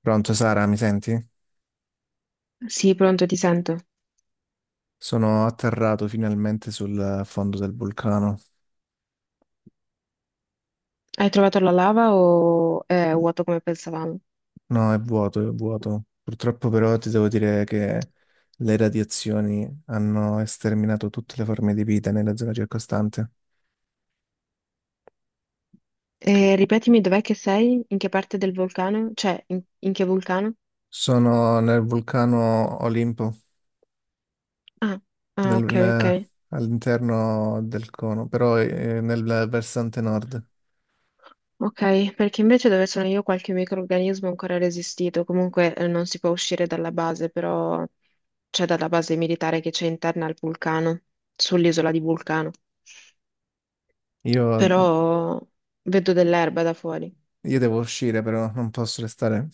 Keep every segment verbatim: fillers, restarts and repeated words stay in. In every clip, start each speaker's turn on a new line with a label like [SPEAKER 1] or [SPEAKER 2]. [SPEAKER 1] Pronto Sara, mi senti?
[SPEAKER 2] Sì, pronto, ti sento.
[SPEAKER 1] Sono atterrato finalmente sul fondo del vulcano.
[SPEAKER 2] Hai trovato la lava o è vuoto come pensavamo?
[SPEAKER 1] No, è vuoto, è vuoto. Purtroppo però ti devo dire che le radiazioni hanno esterminato tutte le forme di vita nella zona circostante.
[SPEAKER 2] E ripetimi, dov'è che sei? In che parte del vulcano? Cioè, in, in che vulcano?
[SPEAKER 1] Sono nel vulcano Olimpo,
[SPEAKER 2] Ah, ah,
[SPEAKER 1] nel-
[SPEAKER 2] ok, ok.
[SPEAKER 1] nel- all'interno del cono, però eh, nel versante nord.
[SPEAKER 2] Ok, perché invece dove sono io qualche microrganismo è ancora resistito. Comunque eh, non si può uscire dalla base, però c'è dalla base militare che c'è interna al vulcano, sull'isola di Vulcano.
[SPEAKER 1] Io,
[SPEAKER 2] Però vedo dell'erba da fuori.
[SPEAKER 1] io devo uscire però, non posso restare,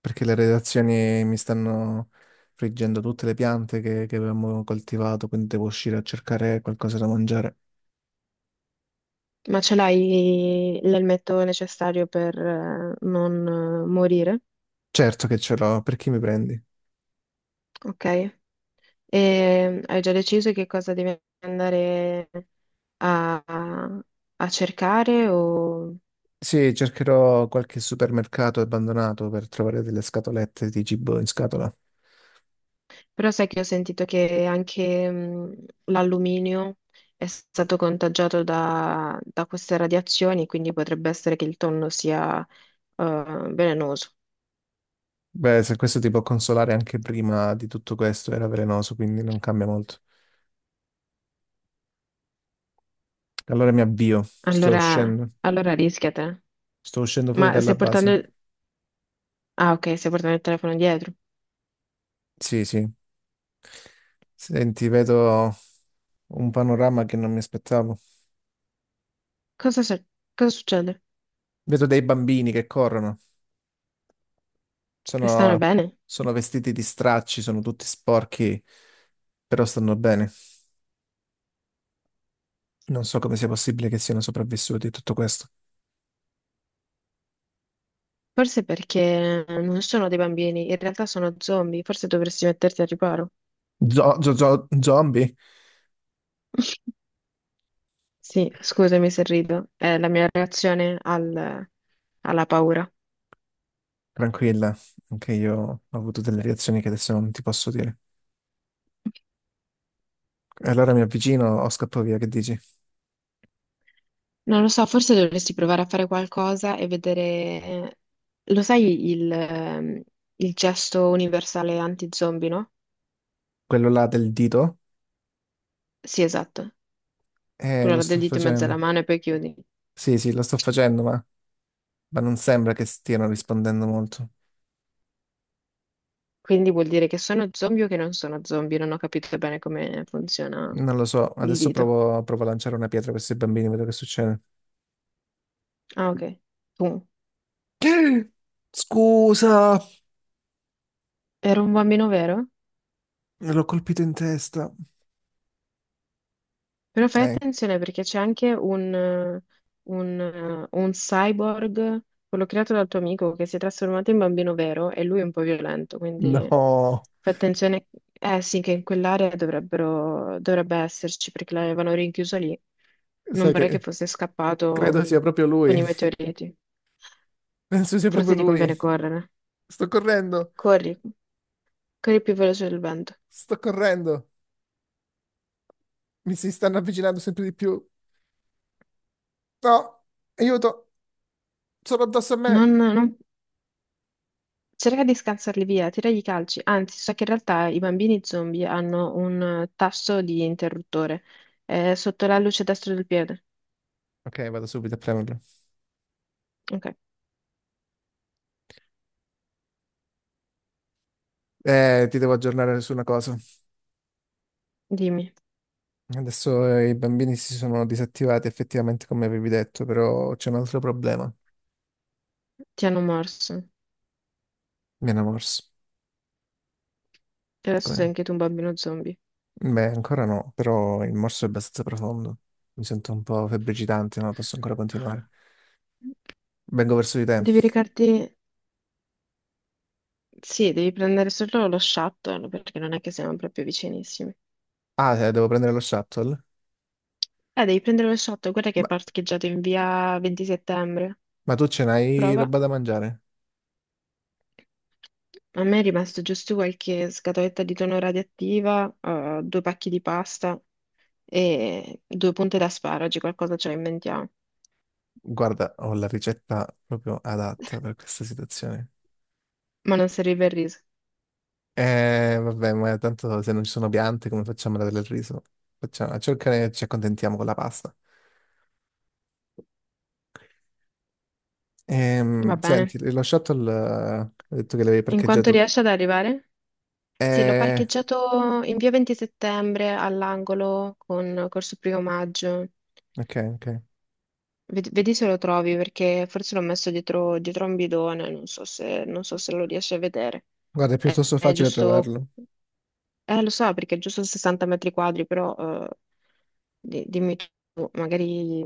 [SPEAKER 1] perché le redazioni mi stanno friggendo tutte le piante che, che avevamo coltivato, quindi devo uscire a cercare qualcosa da mangiare.
[SPEAKER 2] Ma ce l'hai l'elmetto necessario per eh, non eh, morire,
[SPEAKER 1] Certo che ce l'ho, per chi mi prendi?
[SPEAKER 2] ok? E mm, hai già deciso che cosa devi andare a, a cercare? O...
[SPEAKER 1] Sì, cercherò qualche supermercato abbandonato per trovare delle scatolette di cibo in scatola.
[SPEAKER 2] Però sai che ho sentito che anche mm, l'alluminio è stato contagiato da, da queste radiazioni, quindi potrebbe essere che il tonno sia eh, velenoso.
[SPEAKER 1] Beh, se questo ti può consolare, anche prima di tutto questo era velenoso, quindi non cambia molto. Allora mi avvio, sto
[SPEAKER 2] Allora,
[SPEAKER 1] uscendo,
[SPEAKER 2] allora rischiate.
[SPEAKER 1] sto uscendo fuori
[SPEAKER 2] Ma
[SPEAKER 1] dalla
[SPEAKER 2] stai portando...
[SPEAKER 1] base.
[SPEAKER 2] il- Ah, ok, stai portando il telefono dietro.
[SPEAKER 1] Sì, sì. Senti, vedo un panorama che non mi aspettavo.
[SPEAKER 2] Cosa, suc- cosa succede?
[SPEAKER 1] Vedo dei bambini che corrono,
[SPEAKER 2] E stanno
[SPEAKER 1] sono,
[SPEAKER 2] bene?
[SPEAKER 1] sono vestiti di stracci, sono tutti sporchi, però stanno bene. Non so come sia possibile che siano sopravvissuti a tutto questo.
[SPEAKER 2] Forse perché non sono dei bambini, in realtà sono zombie, forse dovresti metterti al riparo.
[SPEAKER 1] Zo- zo- zo- zombie?
[SPEAKER 2] Sì, scusami se rido, è la mia reazione al- alla paura.
[SPEAKER 1] Tranquilla, anche io ho avuto delle reazioni che adesso non ti posso dire. E allora mi avvicino o scappo via, che dici?
[SPEAKER 2] Non lo so, forse dovresti provare a fare qualcosa e vedere... eh, Lo sai il, ehm, il gesto universale anti-zombie, no?
[SPEAKER 1] Quello là del dito?
[SPEAKER 2] Sì, esatto.
[SPEAKER 1] Eh,
[SPEAKER 2] Quello
[SPEAKER 1] lo
[SPEAKER 2] là del
[SPEAKER 1] sto
[SPEAKER 2] dito in mezzo
[SPEAKER 1] facendo.
[SPEAKER 2] alla mano e poi chiudi.
[SPEAKER 1] Sì, sì, lo sto facendo, ma, ma non sembra che stiano rispondendo molto.
[SPEAKER 2] Quindi vuol dire che sono zombie o che non sono zombie? Non ho capito bene come funziona
[SPEAKER 1] Non lo so,
[SPEAKER 2] il
[SPEAKER 1] adesso
[SPEAKER 2] dito.
[SPEAKER 1] provo, provo a lanciare una pietra a questi bambini, vedo che succede.
[SPEAKER 2] Ah, ok. Tu
[SPEAKER 1] Scusa,
[SPEAKER 2] ero un bambino vero?
[SPEAKER 1] l'ho colpito in testa.
[SPEAKER 2] Però fai
[SPEAKER 1] Eh,
[SPEAKER 2] attenzione perché c'è anche un, eh, un, eh, un cyborg, quello creato dal tuo amico, che si è trasformato in bambino vero e lui è un po' violento, quindi
[SPEAKER 1] no,
[SPEAKER 2] fai attenzione. Eh sì, che in quell'area dovrebbero, dovrebbe esserci perché l'avevano rinchiuso lì. Non
[SPEAKER 1] sai
[SPEAKER 2] vorrei che
[SPEAKER 1] che
[SPEAKER 2] fosse
[SPEAKER 1] credo
[SPEAKER 2] scappato
[SPEAKER 1] sia proprio
[SPEAKER 2] con
[SPEAKER 1] lui.
[SPEAKER 2] i meteoriti.
[SPEAKER 1] Penso sia proprio
[SPEAKER 2] Forse ti
[SPEAKER 1] lui.
[SPEAKER 2] conviene correre.
[SPEAKER 1] Sto correndo,
[SPEAKER 2] Corri, corri più veloce del vento.
[SPEAKER 1] sto correndo. Mi si stanno avvicinando sempre di più. No, aiuto, sono addosso a
[SPEAKER 2] Non,
[SPEAKER 1] me.
[SPEAKER 2] non- cerca di scansarli via, tiragli i calci. Anzi, so che in realtà i bambini zombie hanno un eh, tasto di interruttore eh, sotto la luce destra del piede.
[SPEAKER 1] Ok, vado subito a premerlo.
[SPEAKER 2] Ok,
[SPEAKER 1] Eh, ti devo aggiornare su una cosa.
[SPEAKER 2] dimmi,
[SPEAKER 1] Adesso eh, i bambini si sono disattivati effettivamente come avevi detto, però c'è un altro problema.
[SPEAKER 2] ti hanno morso.
[SPEAKER 1] Mi hanno morso.
[SPEAKER 2] E adesso sei
[SPEAKER 1] Come?
[SPEAKER 2] anche tu un bambino zombie.
[SPEAKER 1] Beh, ancora no, però il morso è abbastanza profondo. Mi sento un po' febbricitante, ma posso ancora continuare. Vengo verso di te.
[SPEAKER 2] Devi recarti... Sì, devi prendere solo lo shuttle, perché non è che siamo proprio vicinissimi.
[SPEAKER 1] Ah, eh, devo prendere lo shuttle?
[SPEAKER 2] Eh, devi prendere lo shuttle, guarda che è
[SPEAKER 1] Ma,
[SPEAKER 2] parcheggiato in via venti settembre.
[SPEAKER 1] ma tu ce n'hai
[SPEAKER 2] Prova.
[SPEAKER 1] roba da mangiare?
[SPEAKER 2] A me è rimasto giusto qualche scatoletta di tonno radioattiva, eh, due pacchi di pasta e due punte d'asparagi, qualcosa ce la inventiamo.
[SPEAKER 1] Guarda, ho la ricetta proprio adatta per questa situazione.
[SPEAKER 2] Ma non serve il riso.
[SPEAKER 1] Eh, vabbè, ma tanto se non ci sono piante, come facciamo ad avere il riso? Facciamo, cercare, ci accontentiamo con la pasta.
[SPEAKER 2] Va
[SPEAKER 1] Ehm, senti,
[SPEAKER 2] bene.
[SPEAKER 1] lo shuttle, eh, hai detto che l'avevi
[SPEAKER 2] In quanto
[SPEAKER 1] parcheggiato.
[SPEAKER 2] riesce ad arrivare? Sì, l'ho
[SPEAKER 1] Eh,
[SPEAKER 2] parcheggiato in via venti settembre all'angolo con Corso Primo Maggio.
[SPEAKER 1] ok, ok.
[SPEAKER 2] Ved- Vedi se lo trovi perché forse l'ho messo dietro, dietro a un bidone, non so se, non so se lo riesci a vedere.
[SPEAKER 1] Guarda, è
[SPEAKER 2] È,
[SPEAKER 1] piuttosto
[SPEAKER 2] è
[SPEAKER 1] facile
[SPEAKER 2] giusto.
[SPEAKER 1] trovarlo.
[SPEAKER 2] Eh, lo so, perché è giusto sessanta metri quadri, però eh, di- dimmi tu, magari,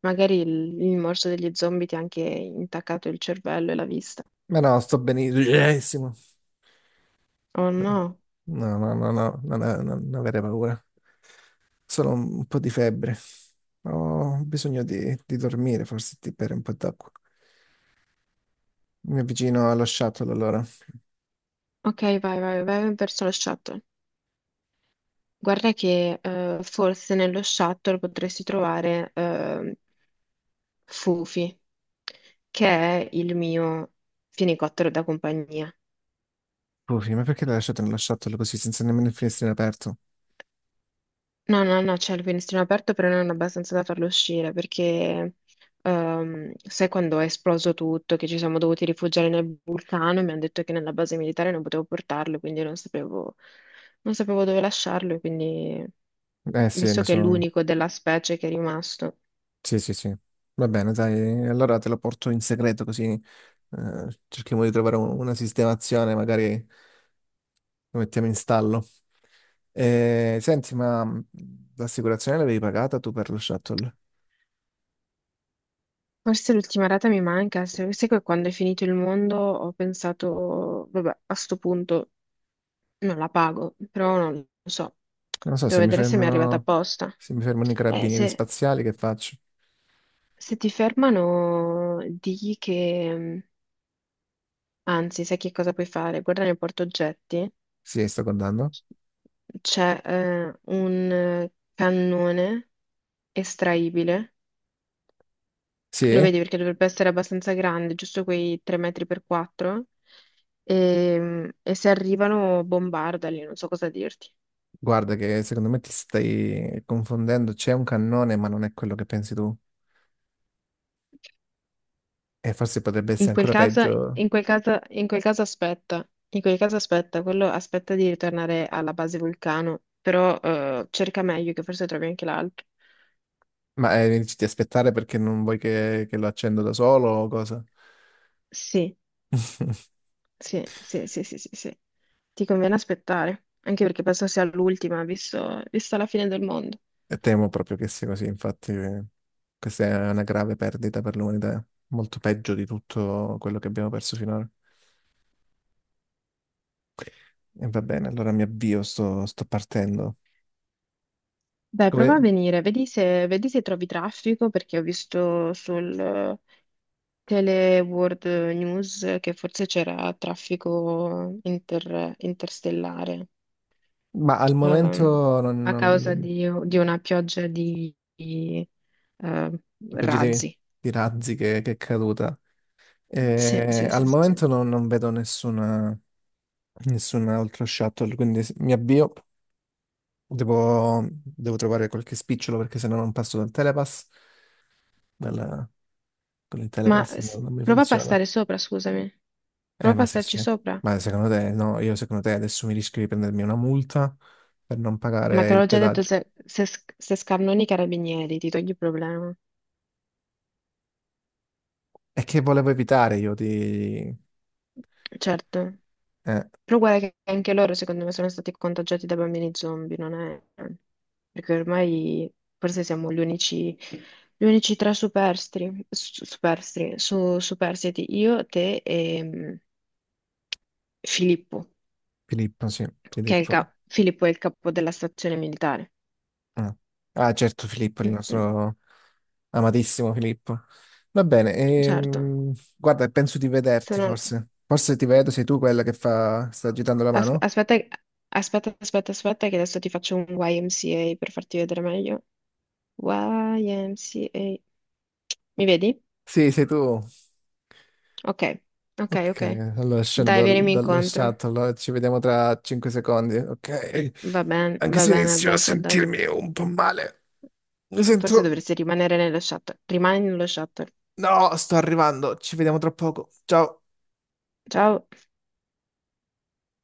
[SPEAKER 2] magari il, il morso degli zombie ti ha anche intaccato il cervello e la vista.
[SPEAKER 1] Ma no, sto benissimo.
[SPEAKER 2] Oh no.
[SPEAKER 1] No, no, no, no, no, non, non- non avere paura. Solo un po' di febbre. Ho bisogno di, di dormire, forse di bere un po' d'acqua. Mi avvicino allo shuttle allora.
[SPEAKER 2] Ok, vai, vai, vai verso lo shuttle. Guarda che eh, forse nello shuttle potresti trovare eh, Fufi, che è il mio fenicottero da compagnia.
[SPEAKER 1] Puffi, ma perché l'hai lasciato nello shuttle così, senza nemmeno il finestrino aperto?
[SPEAKER 2] No, no, no, c'è il finestrino aperto, però non abbastanza da farlo uscire perché ehm, sai quando è esploso tutto, che ci siamo dovuti rifugiare nel vulcano e mi hanno detto che nella base militare non potevo portarlo, quindi non sapevo, non sapevo dove lasciarlo, e quindi
[SPEAKER 1] Eh sì,
[SPEAKER 2] visto
[SPEAKER 1] lo
[SPEAKER 2] che è
[SPEAKER 1] so.
[SPEAKER 2] l'unico della specie che è rimasto.
[SPEAKER 1] Sì, sì, sì. Va bene, dai, allora te lo porto in segreto così eh, cerchiamo di trovare un- una sistemazione, magari lo mettiamo in stallo. Eh, senti, ma mh, l'assicurazione l'avevi pagata tu per lo shuttle?
[SPEAKER 2] Forse l'ultima rata mi manca, se sai che quando è finito il mondo ho pensato, vabbè, a sto punto non la pago, però non lo so,
[SPEAKER 1] Non so se
[SPEAKER 2] devo
[SPEAKER 1] mi
[SPEAKER 2] vedere se mi è arrivata
[SPEAKER 1] fermano,
[SPEAKER 2] apposta.
[SPEAKER 1] se mi fermano i
[SPEAKER 2] Eh,
[SPEAKER 1] carabinieri
[SPEAKER 2] se...
[SPEAKER 1] spaziali, che faccio?
[SPEAKER 2] Se ti fermano, digli che, mhmm, anzi, sai che cosa puoi fare? Guarda nel portaoggetti,
[SPEAKER 1] Sì, sto guardando.
[SPEAKER 2] c'è eh, un cannone estraibile, lo
[SPEAKER 1] Sì,
[SPEAKER 2] vedi perché dovrebbe essere abbastanza grande, giusto quei tre metri per quattro, e, e se arrivano bombardali, non so cosa dirti.
[SPEAKER 1] guarda che secondo me ti stai confondendo. C'è un cannone, ma non è quello che pensi tu. E forse potrebbe
[SPEAKER 2] In
[SPEAKER 1] essere
[SPEAKER 2] quel
[SPEAKER 1] ancora
[SPEAKER 2] caso,
[SPEAKER 1] peggio.
[SPEAKER 2] in quel caso, in quel caso aspetta, in quel caso aspetta, quello aspetta di ritornare alla base vulcano, però eh, cerca meglio che forse trovi anche l'altro.
[SPEAKER 1] Ma eh, ti aspettare perché non vuoi che, che lo accendo da solo o cosa?
[SPEAKER 2] Sì, sì, sì, sì, sì, sì, sì. Ti conviene aspettare, anche perché penso sia l'ultima, visto, vista la fine del mondo.
[SPEAKER 1] E temo proprio che sia così, infatti eh, questa è una grave perdita per l'umanità, molto peggio di tutto quello che abbiamo perso finora. E va bene, allora mi avvio, sto, sto partendo.
[SPEAKER 2] Dai, prova a
[SPEAKER 1] Come?
[SPEAKER 2] venire, vedi se, vedi se trovi traffico, perché ho visto sul eh, Tele World News che forse c'era traffico inter- interstellare.
[SPEAKER 1] Ma al
[SPEAKER 2] ehm,
[SPEAKER 1] momento non,
[SPEAKER 2] a causa
[SPEAKER 1] non...
[SPEAKER 2] di, di una pioggia di, di, eh,
[SPEAKER 1] A proposito di
[SPEAKER 2] razzi.
[SPEAKER 1] di razzi che, che è caduta,
[SPEAKER 2] Sì,
[SPEAKER 1] eh,
[SPEAKER 2] sì, sì,
[SPEAKER 1] al
[SPEAKER 2] sì.
[SPEAKER 1] momento non, non vedo nessuna, nessuna altro shuttle, quindi s- mi avvio. Devo, devo trovare qualche spicciolo perché sennò non passo dal telepass. Dal- con il
[SPEAKER 2] Ma
[SPEAKER 1] telepass
[SPEAKER 2] s-
[SPEAKER 1] non, non mi
[SPEAKER 2] prova a
[SPEAKER 1] funziona.
[SPEAKER 2] passare sopra, scusami. Prova
[SPEAKER 1] Eh,
[SPEAKER 2] a
[SPEAKER 1] ma se
[SPEAKER 2] passarci
[SPEAKER 1] c'è.
[SPEAKER 2] sopra.
[SPEAKER 1] Ma secondo te, no, io secondo te adesso mi rischio di prendermi una multa per non
[SPEAKER 2] Ma
[SPEAKER 1] pagare
[SPEAKER 2] te
[SPEAKER 1] il
[SPEAKER 2] l'ho già detto,
[SPEAKER 1] pedaggio.
[SPEAKER 2] se, se, sc- se scannoni i carabinieri, ti togli il problema.
[SPEAKER 1] E che volevo evitare io di...
[SPEAKER 2] Certo.
[SPEAKER 1] Eh,
[SPEAKER 2] Però guarda che anche loro, secondo me, sono stati contagiati da bambini zombie, non è... Perché ormai forse siamo gli unici, gli unici tre superstiti, superstiti, su, superstiti, io, te e mm, Filippo,
[SPEAKER 1] Filippo, sì,
[SPEAKER 2] che è il
[SPEAKER 1] Filippo.
[SPEAKER 2] ca- Filippo è il capo della stazione militare.
[SPEAKER 1] Ah, ah, certo, Filippo, il
[SPEAKER 2] Mm, mm,
[SPEAKER 1] nostro amatissimo Filippo. Va bene,
[SPEAKER 2] certo.
[SPEAKER 1] ehm, guarda, penso di vederti
[SPEAKER 2] Sono...
[SPEAKER 1] forse. Forse ti vedo, sei tu quella che fa... sta agitando la
[SPEAKER 2] asp-
[SPEAKER 1] mano?
[SPEAKER 2] aspetta, aspetta, aspetta, aspetta, che adesso ti faccio un Y M C A per farti vedere meglio. Y M C A. Mi vedi?
[SPEAKER 1] Sì, sei tu.
[SPEAKER 2] Ok, ok,
[SPEAKER 1] Ok,
[SPEAKER 2] ok.
[SPEAKER 1] allora scendo
[SPEAKER 2] Dai,
[SPEAKER 1] dal-
[SPEAKER 2] vienimi
[SPEAKER 1] dallo
[SPEAKER 2] incontro.
[SPEAKER 1] shuttle, ci vediamo tra cinque secondi. Ok,
[SPEAKER 2] Va bene,
[SPEAKER 1] anche
[SPEAKER 2] va
[SPEAKER 1] se
[SPEAKER 2] bene, a
[SPEAKER 1] inizio a
[SPEAKER 2] dopo, a dopo.
[SPEAKER 1] sentirmi un po' male. Mi
[SPEAKER 2] Forse
[SPEAKER 1] sento...
[SPEAKER 2] dovresti rimanere nello shuttle. Rimani nello shuttle.
[SPEAKER 1] No, sto arrivando, ci vediamo tra poco. Ciao.
[SPEAKER 2] Ciao.